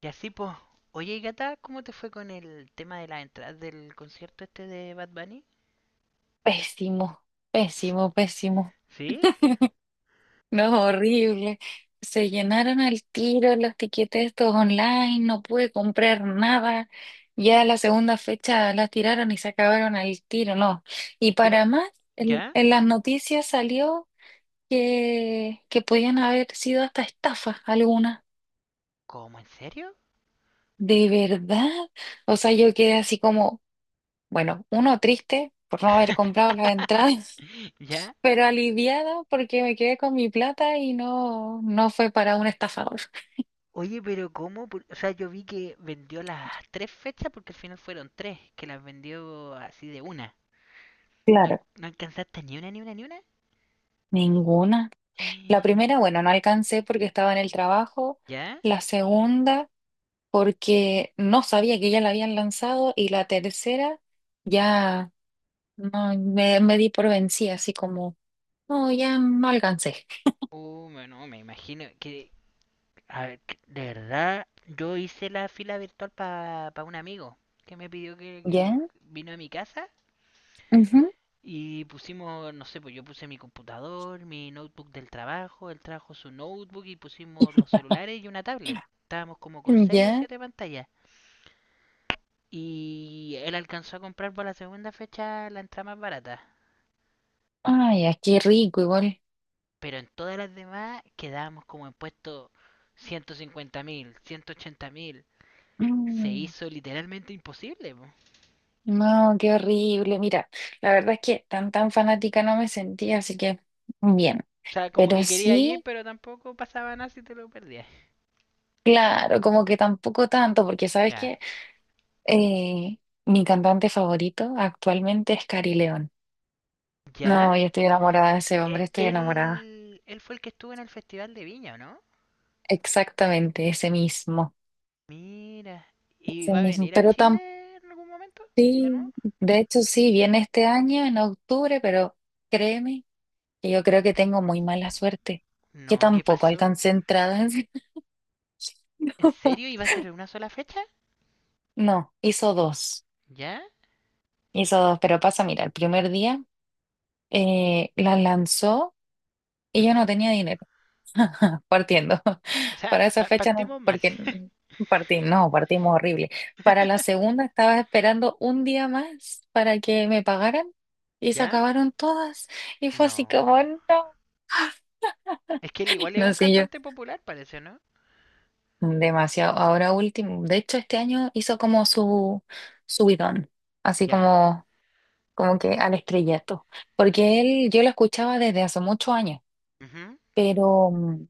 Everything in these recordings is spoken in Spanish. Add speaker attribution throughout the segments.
Speaker 1: Y así, pues. Oye, y Gata, ¿cómo te fue con el tema de las entradas del concierto este de Bad Bunny?
Speaker 2: Pésimo, pésimo, pésimo.
Speaker 1: ¿Sí?
Speaker 2: No, horrible. Se llenaron al tiro los tiquetes estos online, no pude comprar nada. Ya la segunda fecha las tiraron y se acabaron al tiro, no. Y para
Speaker 1: Yo-
Speaker 2: más,
Speaker 1: ¿Ya?
Speaker 2: en las noticias salió que podían haber sido hasta estafas algunas.
Speaker 1: ¿Cómo? ¿En serio?
Speaker 2: ¿De verdad? O sea, yo quedé así como, bueno, uno triste por no haber comprado las entradas,
Speaker 1: ¿Ya?
Speaker 2: pero aliviada porque me quedé con mi plata y no, no fue para un estafador.
Speaker 1: Oye, pero ¿cómo? O sea, yo vi que vendió las tres fechas porque al final fueron tres, que las vendió así de una. ¿No,
Speaker 2: Claro.
Speaker 1: no alcanzaste ni una, ni una, ni una?
Speaker 2: Ninguna. La primera, bueno, no alcancé porque estaba en el trabajo.
Speaker 1: ¿Ya?
Speaker 2: La segunda, porque no sabía que ya la habían lanzado. Y la tercera, ya no, me di por vencida, así como, no, ya no alcancé.
Speaker 1: Oh, no, me imagino que a ver, de verdad, yo hice la fila virtual para un amigo que me pidió
Speaker 2: ¿Ya?
Speaker 1: que vino a mi casa
Speaker 2: Ujú.
Speaker 1: y pusimos, no sé, pues yo puse mi computador, mi notebook del trabajo, él trajo su notebook y pusimos los celulares y una tablet. Estábamos como con seis o
Speaker 2: ¿Ya?
Speaker 1: siete pantallas. Y él alcanzó a comprar por la segunda fecha la entrada más barata.
Speaker 2: Ay, aquí rico igual.
Speaker 1: Pero en todas las demás quedábamos como en puesto 150 mil, 180 mil. Se
Speaker 2: Mm.
Speaker 1: hizo literalmente imposible. Po.
Speaker 2: No, qué horrible. Mira, la verdad es que tan tan fanática no me sentía, así que bien.
Speaker 1: O sea, como
Speaker 2: Pero
Speaker 1: que quería ir,
Speaker 2: sí,
Speaker 1: pero tampoco pasaba nada si te lo perdías.
Speaker 2: claro, como que tampoco tanto, porque sabes
Speaker 1: Ya.
Speaker 2: que eh, mi cantante favorito actualmente es Cari León.
Speaker 1: ¿Ya?
Speaker 2: No, yo estoy enamorada de ese hombre, estoy enamorada.
Speaker 1: Él fue el que estuvo en el Festival de Viña, ¿o ¿no?
Speaker 2: Exactamente, ese mismo.
Speaker 1: Mira. ¿Y
Speaker 2: Ese
Speaker 1: va a
Speaker 2: mismo.
Speaker 1: venir a
Speaker 2: Pero tan
Speaker 1: Chile en algún momento? ¿De nuevo?
Speaker 2: sí, de hecho sí, viene este año, en octubre, pero créeme que yo creo que tengo muy mala suerte, que
Speaker 1: No, ¿qué
Speaker 2: tampoco
Speaker 1: pasó?
Speaker 2: alcancé entradas.
Speaker 1: ¿En serio? ¿Iba a ser en una sola fecha?
Speaker 2: No,
Speaker 1: ¿Ya?
Speaker 2: hizo dos, pero pasa, mira, el primer día la lanzó y yo
Speaker 1: Ujú.
Speaker 2: no tenía dinero, partiendo.
Speaker 1: O sea,
Speaker 2: Para esa fecha no,
Speaker 1: partimos mal.
Speaker 2: porque partí, no, partimos horrible. Para la segunda estaba esperando un día más para que me pagaran y se
Speaker 1: ¿Ya?
Speaker 2: acabaron todas y fue así
Speaker 1: No.
Speaker 2: como, no,
Speaker 1: Es que él igual es
Speaker 2: no
Speaker 1: un
Speaker 2: sé, yo
Speaker 1: cantante popular, parece, ¿no?
Speaker 2: demasiado. Ahora último, de hecho este año hizo como su subidón, así
Speaker 1: Ya.
Speaker 2: como, como que al estrellato, porque él yo lo escuchaba desde hace muchos años,
Speaker 1: Ujú.
Speaker 2: pero, mm,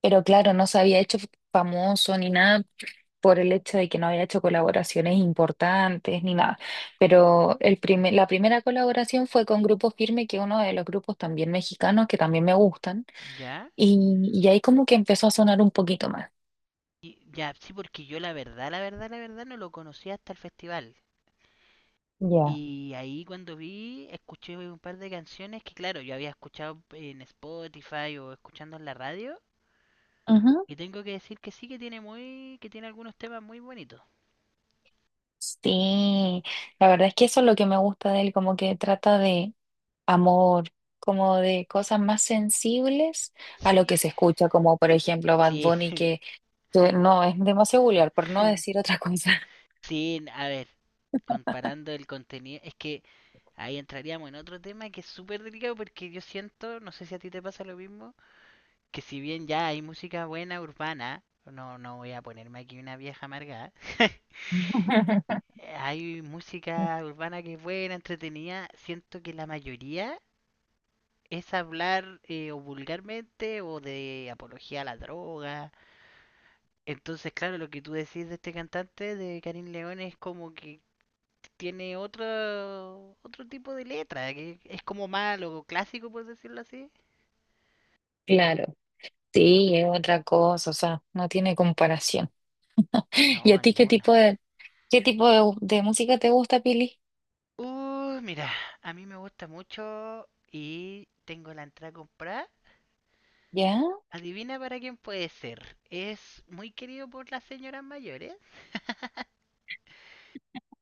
Speaker 2: pero claro, no se había hecho famoso ni nada por el hecho de que no había hecho colaboraciones importantes ni nada, pero la primera colaboración fue con Grupo Firme, que es uno de los grupos también mexicanos que también me gustan,
Speaker 1: ¿Ya?
Speaker 2: y ahí como que empezó a sonar un poquito más.
Speaker 1: Y, ya, sí, porque yo la verdad no lo conocía hasta el festival.
Speaker 2: Ya.
Speaker 1: Y ahí cuando vi, escuché un par de canciones que, claro, yo había escuchado en Spotify o escuchando en la radio.
Speaker 2: Ujú.
Speaker 1: Y tengo que decir que sí que que tiene algunos temas muy bonitos.
Speaker 2: Sí, la verdad es que eso es lo que me gusta de él, como que trata de amor, como de cosas más sensibles a lo que
Speaker 1: Sí,
Speaker 2: se escucha, como por ejemplo Bad
Speaker 1: sí,
Speaker 2: Bunny, que no es demasiado vulgar, por no decir otra cosa.
Speaker 1: sí, a ver, comparando el contenido, es que ahí entraríamos en otro tema que es súper delicado porque yo siento, no sé si a ti te pasa lo mismo, que si bien ya hay música buena urbana, no, no voy a ponerme aquí una vieja amargada. Hay música urbana que es buena, entretenida. Siento que la mayoría es hablar o vulgarmente o de apología a la droga. Entonces, claro, lo que tú decís de este cantante, de Karim León, es como que tiene otro tipo de letra, que es como malo clásico, por decirlo así.
Speaker 2: Claro, sí, es otra cosa, o sea, no tiene comparación.
Speaker 1: No,
Speaker 2: ¿Y a ti
Speaker 1: ninguna.
Speaker 2: qué tipo de música te gusta, Pili?
Speaker 1: Mira, a mí me gusta mucho y tengo la entrada comprada.
Speaker 2: ¿Ya?
Speaker 1: Adivina para quién puede ser. Es muy querido por las señoras mayores.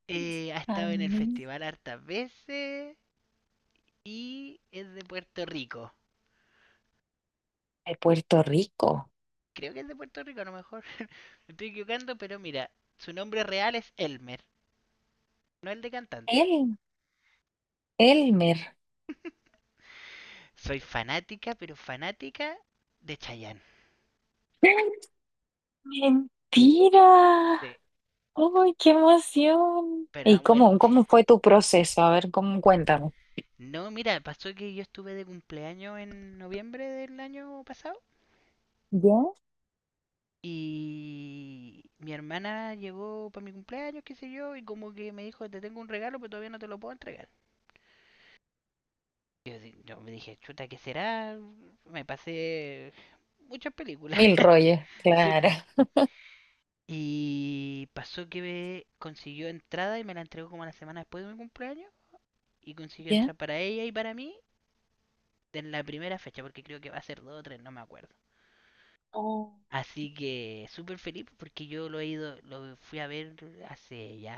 Speaker 1: Ha
Speaker 2: A
Speaker 1: estado en el
Speaker 2: mí.
Speaker 1: festival hartas veces y es de Puerto Rico.
Speaker 2: De Puerto Rico.
Speaker 1: Creo que es de Puerto Rico a lo mejor. Me estoy equivocando, pero mira, su nombre real es Elmer, no el de cantante.
Speaker 2: El, Elmer.
Speaker 1: Soy fanática, pero fanática de Chayanne.
Speaker 2: ¡Mentira!
Speaker 1: Sí,
Speaker 2: ¡Ay, qué emoción!
Speaker 1: pero
Speaker 2: ¿Y
Speaker 1: a
Speaker 2: cómo,
Speaker 1: muerte.
Speaker 2: cómo fue tu proceso? A ver, cómo, cuéntame.
Speaker 1: No, mira, pasó que yo estuve de cumpleaños en noviembre del año pasado.
Speaker 2: ¿Ya?
Speaker 1: Y mi hermana llegó para mi cumpleaños, qué sé yo, y como que me dijo, te tengo un regalo, pero todavía no te lo puedo entregar. Yo, yo me dije, chuta, ¿qué será? Me pasé muchas películas.
Speaker 2: Mil rollos,
Speaker 1: Sí,
Speaker 2: claro.
Speaker 1: po. Y pasó que me consiguió entrada y me la entregó como una semana después de mi cumpleaños. Y consiguió
Speaker 2: ¿Ya?
Speaker 1: entrar para ella y para mí en la primera fecha, porque creo que va a ser dos o tres, no me acuerdo.
Speaker 2: Oh.
Speaker 1: Así que súper feliz porque yo lo fui a ver hace ya,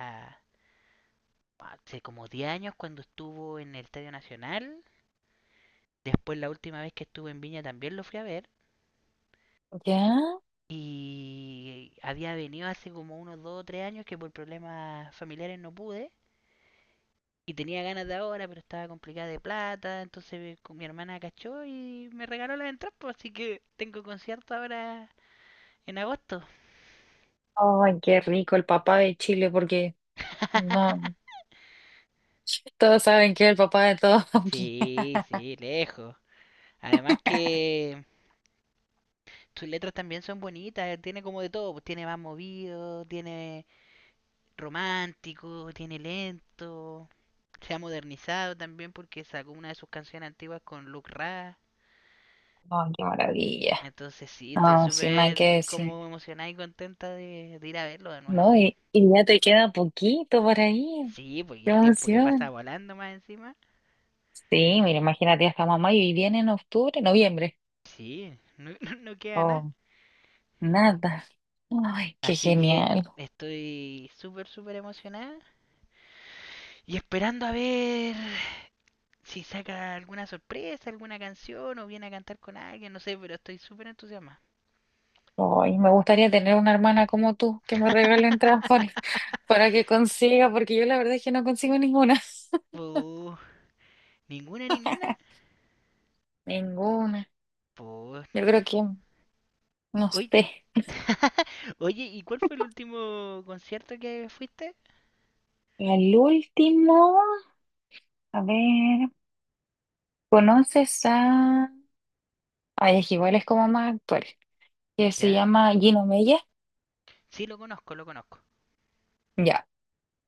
Speaker 1: hace como 10 años cuando estuvo en el Estadio Nacional. Después la última vez que estuve en Viña también lo fui a ver.
Speaker 2: ¿Ya?
Speaker 1: Y había venido hace como unos 2 o 3 años que por problemas familiares no pude. Y tenía ganas de ahora, pero estaba complicada de plata. Entonces con mi hermana cachó y me regaló las entradas. Pues, así que tengo concierto ahora en agosto.
Speaker 2: ¡Ay, qué rico el papá de Chile! Porque no, todos saben que es el papá de todos aquí.
Speaker 1: Sí, sí, lejos. Además que tus letras también son bonitas. Tiene como de todo. Pues tiene más movido, tiene romántico, tiene lento. Se ha modernizado también porque sacó una de sus canciones antiguas con Luke Ra.
Speaker 2: ¡Ay, qué maravilla!
Speaker 1: Entonces sí, estoy
Speaker 2: No, si no hay que
Speaker 1: súper
Speaker 2: decir.
Speaker 1: como emocionada y contenta de ir a verlo de nuevo.
Speaker 2: No, y ya te queda poquito por ahí.
Speaker 1: Sí, porque
Speaker 2: ¡Qué
Speaker 1: el tiempo que pasa
Speaker 2: emoción!
Speaker 1: volando más encima.
Speaker 2: Sí, mira, imagínate hasta mamá y viene en octubre, noviembre.
Speaker 1: Sí, no, no queda nada.
Speaker 2: Oh, nada. ¡Ay, qué
Speaker 1: Así que
Speaker 2: genial!
Speaker 1: estoy súper, súper emocionada. Y esperando a ver si saca alguna sorpresa, alguna canción o viene a cantar con alguien, no sé, pero estoy súper entusiasmada.
Speaker 2: Ay, me gustaría tener una hermana como tú que me regale un trampones para que consiga, porque yo la verdad es que no consigo ninguna.
Speaker 1: Pues, ninguna, ninguna.
Speaker 2: Ninguna.
Speaker 1: Pues,
Speaker 2: Yo creo que, no
Speaker 1: oye.
Speaker 2: sé.
Speaker 1: Oye, ¿y cuál fue el último concierto que fuiste?
Speaker 2: El último, a ver, ¿conoces a? Ay, es que igual es como más actual, que se
Speaker 1: ¿Ya?
Speaker 2: llama Gino Mella.
Speaker 1: Sí, lo conozco, lo conozco.
Speaker 2: Ya,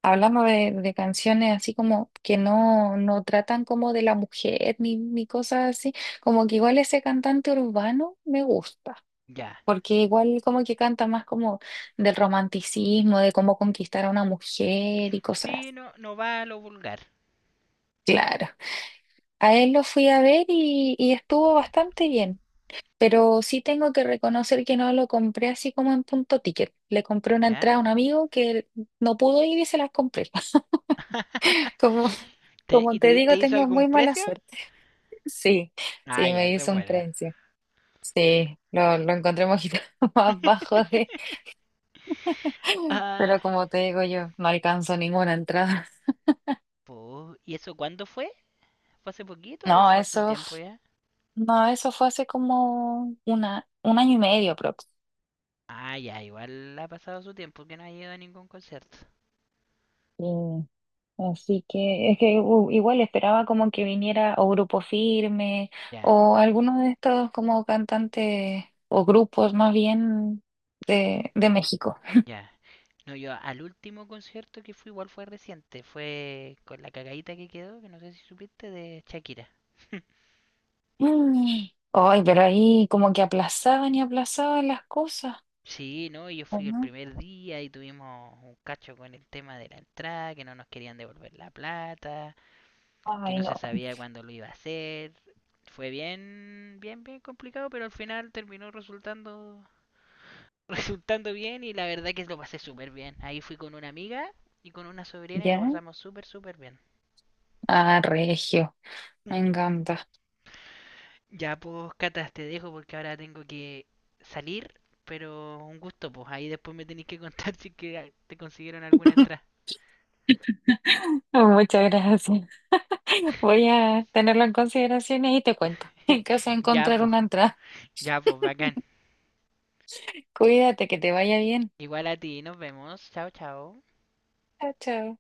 Speaker 2: hablamos de canciones así como que no, no tratan como de la mujer ni, ni cosas así, como que igual ese cantante urbano me gusta,
Speaker 1: Ya.
Speaker 2: porque igual como que canta más como del romanticismo, de cómo conquistar a una mujer y cosas
Speaker 1: Sí,
Speaker 2: así.
Speaker 1: no, no va a lo vulgar.
Speaker 2: Claro. A él lo fui a ver y estuvo bastante bien, pero sí tengo que reconocer que no lo compré así como en punto ticket. Le compré una entrada
Speaker 1: ¿Ya?
Speaker 2: a un amigo que no pudo ir y se las compré. Como, como
Speaker 1: ¿Y
Speaker 2: te
Speaker 1: te
Speaker 2: digo,
Speaker 1: hizo
Speaker 2: tengo
Speaker 1: algún
Speaker 2: muy mala
Speaker 1: precio?
Speaker 2: suerte. Sí,
Speaker 1: Ah,
Speaker 2: sí,
Speaker 1: ya,
Speaker 2: me
Speaker 1: eso es
Speaker 2: hizo un
Speaker 1: buena.
Speaker 2: precio. Sí, lo encontré un poquito más bajo de,
Speaker 1: Ah,
Speaker 2: pero como te digo yo, no alcanzo ninguna entrada.
Speaker 1: pues, ¿y eso cuándo fue? ¿Fue hace poquito o
Speaker 2: No,
Speaker 1: fue hace un
Speaker 2: eso,
Speaker 1: tiempo ya?
Speaker 2: no, eso fue hace como un año y medio aprox.
Speaker 1: Ah, ya, igual ha pasado su tiempo que no ha ido a ningún concierto.
Speaker 2: Mm, Así que es que igual esperaba como que viniera o Grupo Firme
Speaker 1: Ya,
Speaker 2: o alguno de estos como cantantes o grupos más bien de México.
Speaker 1: ya. No, yo al último concierto que fui igual fue reciente, fue con la cagadita que quedó, que no sé si supiste, de Shakira.
Speaker 2: Mm. Ay, pero ahí como que aplazaban y aplazaban las cosas,
Speaker 1: Sí, no, yo
Speaker 2: ¿o
Speaker 1: fui el
Speaker 2: no?
Speaker 1: primer día y tuvimos un cacho con el tema de la entrada, que no nos querían devolver la plata, que
Speaker 2: Ay,
Speaker 1: no
Speaker 2: no.
Speaker 1: se sabía cuándo lo iba a hacer. Fue bien complicado, pero al final terminó resultando bien y la verdad que lo pasé súper bien. Ahí fui con una amiga y con una sobrina y lo
Speaker 2: ¿Ya?
Speaker 1: pasamos súper, súper bien.
Speaker 2: Ah, Regio, me encanta.
Speaker 1: Ya, pues, Cata, te dejo porque ahora tengo que salir, pero un gusto, pues. Ahí después me tenéis que contar si que ah, te consiguieron alguna entrada.
Speaker 2: Muchas gracias. Voy a tenerlo en consideración y ahí te cuento en caso de
Speaker 1: Ya,
Speaker 2: encontrar
Speaker 1: pues,
Speaker 2: una entrada.
Speaker 1: ya, pues, bacán.
Speaker 2: Cuídate, que te vaya bien.
Speaker 1: Igual a ti, nos vemos. Chao, chao.
Speaker 2: Chao, chao.